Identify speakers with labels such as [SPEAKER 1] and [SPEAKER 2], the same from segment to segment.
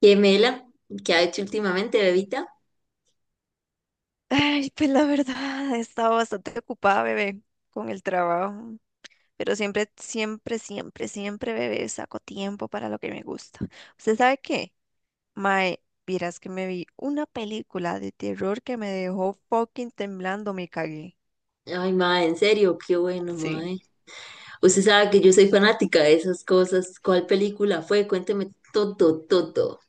[SPEAKER 1] ¿Qué mela? ¿Qué ha hecho últimamente, bebita?
[SPEAKER 2] Ay, pues la verdad, he estado bastante ocupada, bebé, con el trabajo, pero siempre, siempre, siempre, siempre, bebé, saco tiempo para lo que me gusta. ¿Usted sabe qué? Mae, vieras que me vi una película de terror que me dejó fucking temblando, me cagué.
[SPEAKER 1] Ay, mae, en serio, qué bueno,
[SPEAKER 2] Sí.
[SPEAKER 1] mae. Usted sabe que yo soy fanática de esas cosas. ¿Cuál película fue? Cuénteme todo, todo.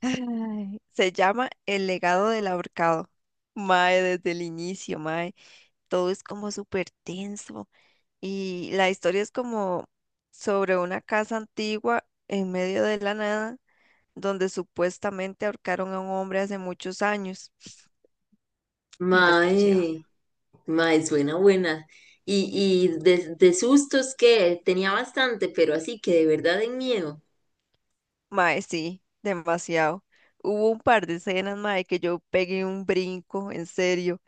[SPEAKER 2] Ay, se llama El legado del ahorcado. Mae, desde el inicio, mae, todo es como súper tenso. Y la historia es como sobre una casa antigua en medio de la nada, donde supuestamente ahorcaron a un hombre hace muchos años. Miras qué chiva.
[SPEAKER 1] Mae, mae, suena buena. Y, y de sustos que tenía bastante, pero así que de verdad en miedo.
[SPEAKER 2] Mae, sí, demasiado. Hubo un par de escenas, mae, que yo pegué un brinco, en serio.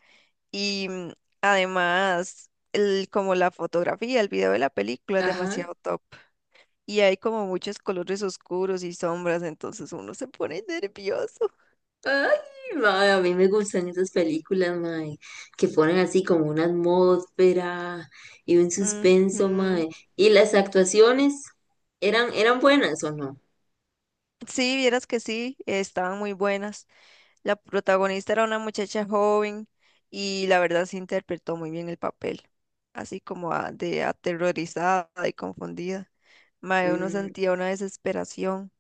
[SPEAKER 2] Y además, el, como la fotografía, el video de la película es
[SPEAKER 1] Ajá.
[SPEAKER 2] demasiado top. Y hay como muchos colores oscuros y sombras, entonces uno se pone nervioso.
[SPEAKER 1] Ay, mae, a mí me gustan esas películas, mae, que ponen así como una atmósfera y un suspenso,
[SPEAKER 2] Ujú.
[SPEAKER 1] mae. ¿Y las actuaciones eran buenas o no?
[SPEAKER 2] Sí, vieras que sí, estaban muy buenas. La protagonista era una muchacha joven y la verdad se interpretó muy bien el papel, así como de aterrorizada y confundida. Mae, uno
[SPEAKER 1] Mm,
[SPEAKER 2] sentía una desesperación.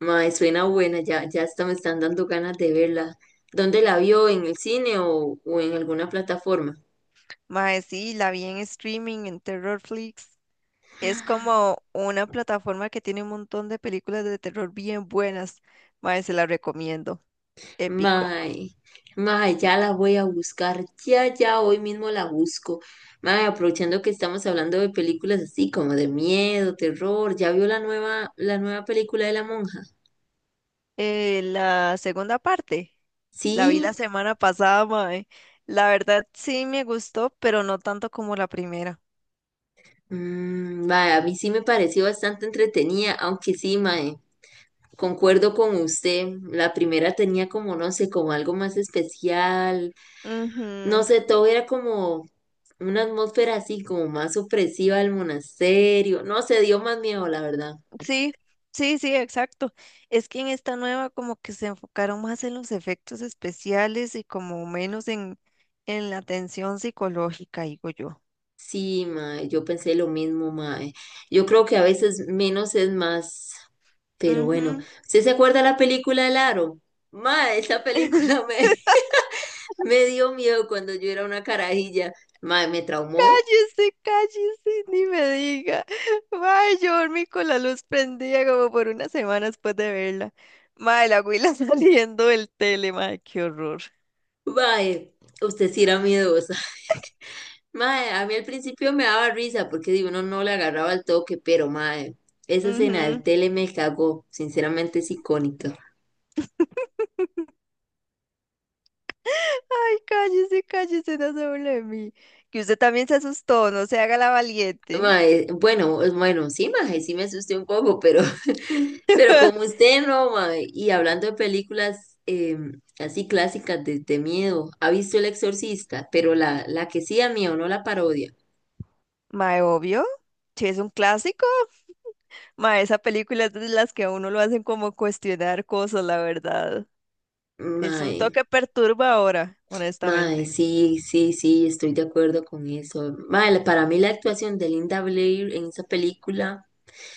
[SPEAKER 1] mae, suena buena, ya, ya hasta me están dando ganas de verla. ¿Dónde la vio? ¿En el cine o en alguna plataforma?
[SPEAKER 2] Mae, sí, la vi en streaming en Terrorflix. Es como una plataforma que tiene un montón de películas de terror bien buenas. Mae, se la recomiendo. Épico.
[SPEAKER 1] Mae, mae, ya la voy a buscar, ya, ya, hoy mismo la busco. Mae, aprovechando que estamos hablando de películas así como de miedo, terror, ¿ya vio la nueva película de la monja?
[SPEAKER 2] La segunda parte, la vi
[SPEAKER 1] Sí,
[SPEAKER 2] la semana pasada, mae. La verdad sí me gustó, pero no tanto como la primera.
[SPEAKER 1] mm, mae, a mí sí me pareció bastante entretenida, aunque sí, mae, concuerdo con usted, la primera tenía como, no sé, como algo más especial, no
[SPEAKER 2] Ujú.
[SPEAKER 1] sé, todo era como... Una atmósfera así como más opresiva del monasterio. No sé, dio más miedo, la verdad.
[SPEAKER 2] Sí, sí, sí, exacto. Es que en esta nueva como que se enfocaron más en los efectos especiales y como menos en la tensión psicológica, digo yo.
[SPEAKER 1] Sí, mae, yo pensé lo mismo, mae. Yo creo que a veces menos es más, pero bueno.
[SPEAKER 2] Ujú.
[SPEAKER 1] ¿Usted se acuerda la película El Aro? Mae, esa película me, me dio miedo cuando yo era una carajilla. Mae, me traumó.
[SPEAKER 2] Cállese, cállese, ni me diga. Mae, yo dormí con la luz prendida como por una semana después de verla. Mae, la huila saliendo del tele, mae, qué horror.
[SPEAKER 1] Mae, usted sí era miedosa. Mae, a mí al principio me daba risa porque digo, uno no le agarraba el toque, pero mae, esa escena del
[SPEAKER 2] Ujú.
[SPEAKER 1] tele me cagó. Sinceramente es icónica.
[SPEAKER 2] Ay, cállese, cállese, no se burle de mí. Que usted también se asustó, no se haga la valiente.
[SPEAKER 1] Mae, bueno, bueno, sí, mae, sí me asusté un poco, pero, pero como usted no, mae. Y hablando de películas así clásicas de miedo, ¿ha visto El Exorcista? Pero la que sí da miedo, no la parodia.
[SPEAKER 2] Mae, obvio. Si es un clásico. Ma, esa película es de las que a uno lo hacen como cuestionar cosas, la verdad. Es un
[SPEAKER 1] Mae,
[SPEAKER 2] toque perturbadora,
[SPEAKER 1] mae,
[SPEAKER 2] honestamente.
[SPEAKER 1] sí, sí, sí, estoy de acuerdo con eso. Mae, para mí la actuación de Linda Blair en esa película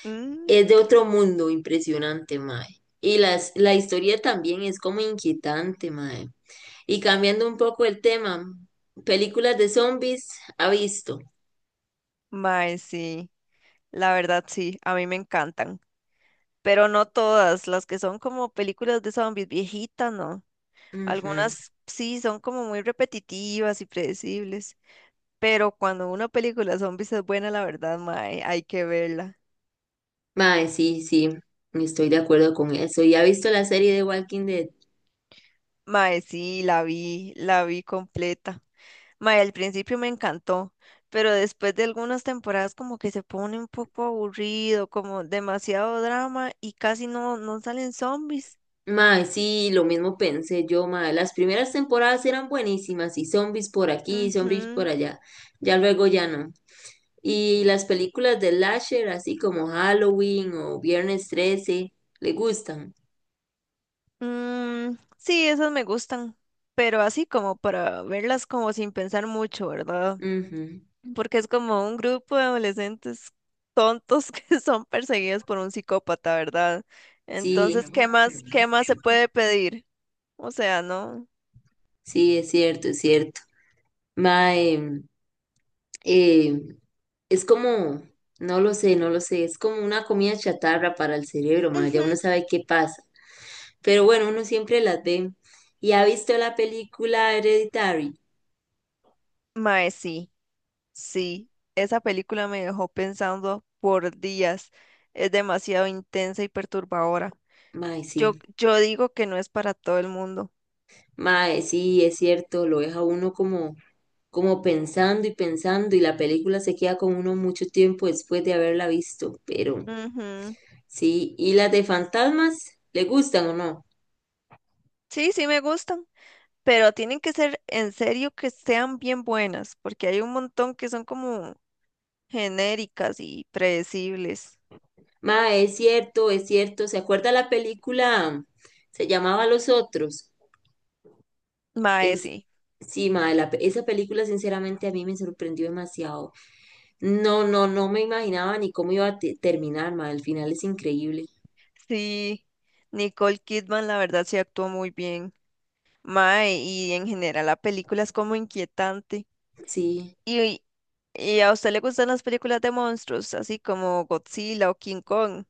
[SPEAKER 2] Mm,
[SPEAKER 1] es de otro mundo impresionante, mae. Y la historia también es como inquietante, mae. Y cambiando un poco el tema, películas de zombies ha visto.
[SPEAKER 2] mae, sí. La verdad, sí, a mí me encantan, pero no todas, las que son como películas de zombies viejitas, no.
[SPEAKER 1] Ujú.
[SPEAKER 2] Algunas sí son como muy repetitivas y predecibles, pero cuando una película de zombies es buena, la verdad, mae, hay que verla.
[SPEAKER 1] Mae, sí, sí, estoy de acuerdo con eso. ¿Y ha visto la serie de Walking Dead?
[SPEAKER 2] Mae, sí, la vi completa. Mae, al principio me encantó, pero después de algunas temporadas como que se pone un poco aburrido, como demasiado drama y casi no, no salen zombies.
[SPEAKER 1] Mae, sí, lo mismo pensé yo, mae. Las primeras temporadas eran buenísimas y zombies por aquí, zombies por
[SPEAKER 2] Ujú.
[SPEAKER 1] allá. Ya luego ya no. Y las películas de Lasher, así como Halloween o Viernes 13, le gustan.
[SPEAKER 2] Mm, sí, esas me gustan, pero así como para verlas como sin pensar mucho, ¿verdad?
[SPEAKER 1] Ujú,
[SPEAKER 2] Porque es como un grupo de adolescentes tontos que son perseguidos por un psicópata, ¿verdad?
[SPEAKER 1] sí,
[SPEAKER 2] Entonces, qué más se puede pedir? O sea, ¿no?
[SPEAKER 1] sí, es cierto, es cierto. Mae, eh, es como, no lo sé, no lo sé, es como una comida chatarra para el cerebro, ma, ya
[SPEAKER 2] Ujú.
[SPEAKER 1] uno sabe qué pasa. Pero bueno, uno siempre las ve. ¿Y ha visto la película Hereditary?
[SPEAKER 2] Mae, sí, sí, esa película me dejó pensando por días. Es demasiado intensa y perturbadora.
[SPEAKER 1] Mae,
[SPEAKER 2] Yo,
[SPEAKER 1] sí.
[SPEAKER 2] yo digo que no es para todo el mundo.
[SPEAKER 1] Mae, sí, es cierto, lo deja uno como, como pensando y pensando y la película se queda con uno mucho tiempo después de haberla visto, pero
[SPEAKER 2] Ujú.
[SPEAKER 1] sí. ¿Y las de fantasmas? ¿Le gustan o no?
[SPEAKER 2] Sí, sí me gustan. Pero tienen que ser en serio que sean bien buenas, porque hay un montón que son como genéricas y predecibles.
[SPEAKER 1] Mae, es cierto, es cierto. ¿Se acuerda la película? Se llamaba Los Otros.
[SPEAKER 2] Mae,
[SPEAKER 1] Es,
[SPEAKER 2] sí.
[SPEAKER 1] sí, mae, esa película sinceramente a mí me sorprendió demasiado. No, no, no me imaginaba ni cómo iba a terminar, mae, el final es increíble.
[SPEAKER 2] Sí, Nicole Kidman, la verdad, sí actuó muy bien. Mae, y en general la película es como inquietante.
[SPEAKER 1] Sí.
[SPEAKER 2] Y, y a usted le gustan las películas de monstruos, así como Godzilla o King Kong.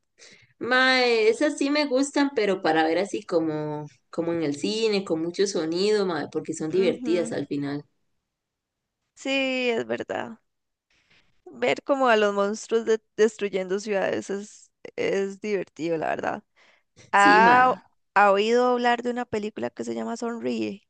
[SPEAKER 1] Mae, esas sí me gustan, pero para ver así como, como en el cine, con mucho sonido, mae, porque son divertidas
[SPEAKER 2] Ujú,
[SPEAKER 1] al final.
[SPEAKER 2] sí, es verdad. Ver como a los monstruos destruyendo ciudades es divertido, la verdad.
[SPEAKER 1] Sí, mae.
[SPEAKER 2] ¿Ha, ha oído hablar de una película que se llama Sonríe?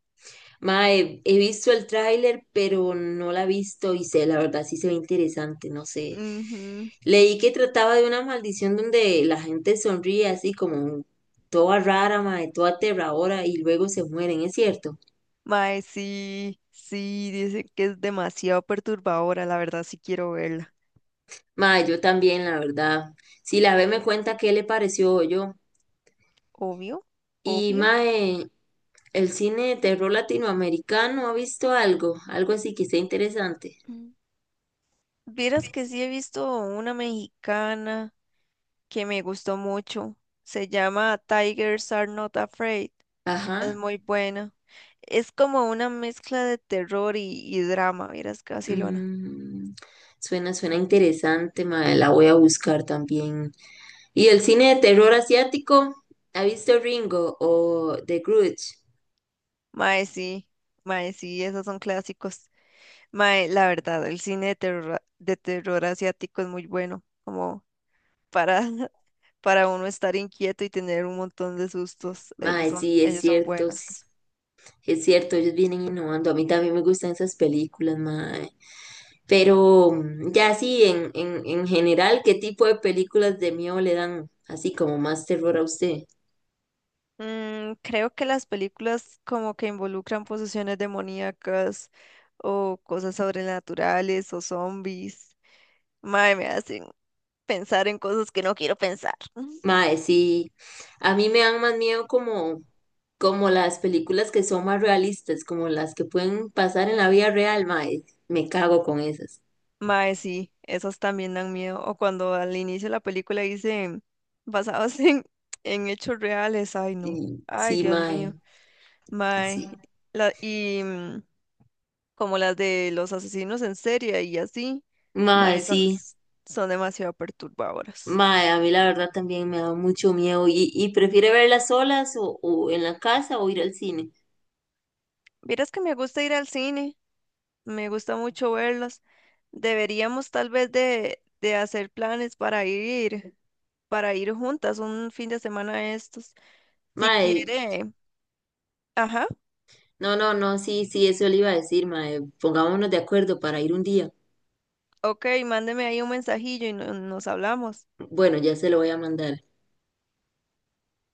[SPEAKER 1] Mae, he visto el tráiler, pero no la he visto y sé, la verdad sí se ve interesante, no sé.
[SPEAKER 2] Ujú.
[SPEAKER 1] Leí que trataba de una maldición donde la gente sonríe así como toda rara, mae, toda aterradora y luego se mueren, ¿es cierto?
[SPEAKER 2] Mae, sí, sí, dicen que es demasiado perturbadora, la verdad sí quiero verla.
[SPEAKER 1] Mae, yo también, la verdad. Si la ve me cuenta qué le pareció yo.
[SPEAKER 2] Obvio,
[SPEAKER 1] Y
[SPEAKER 2] obvio.
[SPEAKER 1] mae, el cine de terror latinoamericano ha visto algo, algo así que sea interesante.
[SPEAKER 2] Mm. Vieras que sí he visto una mexicana que me gustó mucho. Se llama Tigers Are Not Afraid. Es
[SPEAKER 1] Ajá.
[SPEAKER 2] muy buena. Es como una mezcla de terror y drama, vieras que vacilona.
[SPEAKER 1] Mm, suena, suena interesante, mae, la voy a buscar también. ¿Y el cine de terror asiático? ¿Ha visto Ringo o The Grudge?
[SPEAKER 2] Mae, sí, mae, sí, esos son clásicos. Mae, la verdad, el cine de terror asiático es muy bueno, como para, para uno estar inquieto y tener un montón de sustos.
[SPEAKER 1] Mae,
[SPEAKER 2] Ellos son
[SPEAKER 1] sí,
[SPEAKER 2] buenos.
[SPEAKER 1] es cierto, ellos vienen innovando. A mí también me gustan esas películas, mae. Pero mm, ya sí, en general, ¿qué tipo de películas de miedo le dan así como más terror a usted?
[SPEAKER 2] Mm, creo que las películas como que involucran posesiones demoníacas o cosas sobrenaturales o zombies. Mae, me hacen pensar en cosas que no quiero pensar.
[SPEAKER 1] Mae, sí. A mí me dan más miedo como, como las películas que son más realistas, como las que pueden pasar en la vida real, mae. Me cago con esas.
[SPEAKER 2] Mae, sí, esas también dan miedo. O cuando al inicio de la película dicen basados en hechos reales. Ay, no.
[SPEAKER 1] Y,
[SPEAKER 2] Ay,
[SPEAKER 1] sí,
[SPEAKER 2] Dios
[SPEAKER 1] mae.
[SPEAKER 2] mío.
[SPEAKER 1] Sí.
[SPEAKER 2] Mae. La, y como las de los asesinos en serie y así.
[SPEAKER 1] Mae,
[SPEAKER 2] Mae, son,
[SPEAKER 1] sí.
[SPEAKER 2] son demasiado perturbadoras.
[SPEAKER 1] Mae, a mí la verdad también me da mucho miedo. Y prefiere verlas solas o en la casa o ir al cine?
[SPEAKER 2] Vieras que me gusta ir al cine. Me gusta mucho verlas. Deberíamos tal vez de hacer planes para ir juntas un fin de semana a estos. Si
[SPEAKER 1] Mae,
[SPEAKER 2] quiere. Ajá.
[SPEAKER 1] no, no, no, sí, sí, eso le iba a decir, mae. Pongámonos de acuerdo para ir un día.
[SPEAKER 2] Ok, mándeme ahí un mensajillo y nos hablamos.
[SPEAKER 1] Bueno, ya se lo voy a mandar.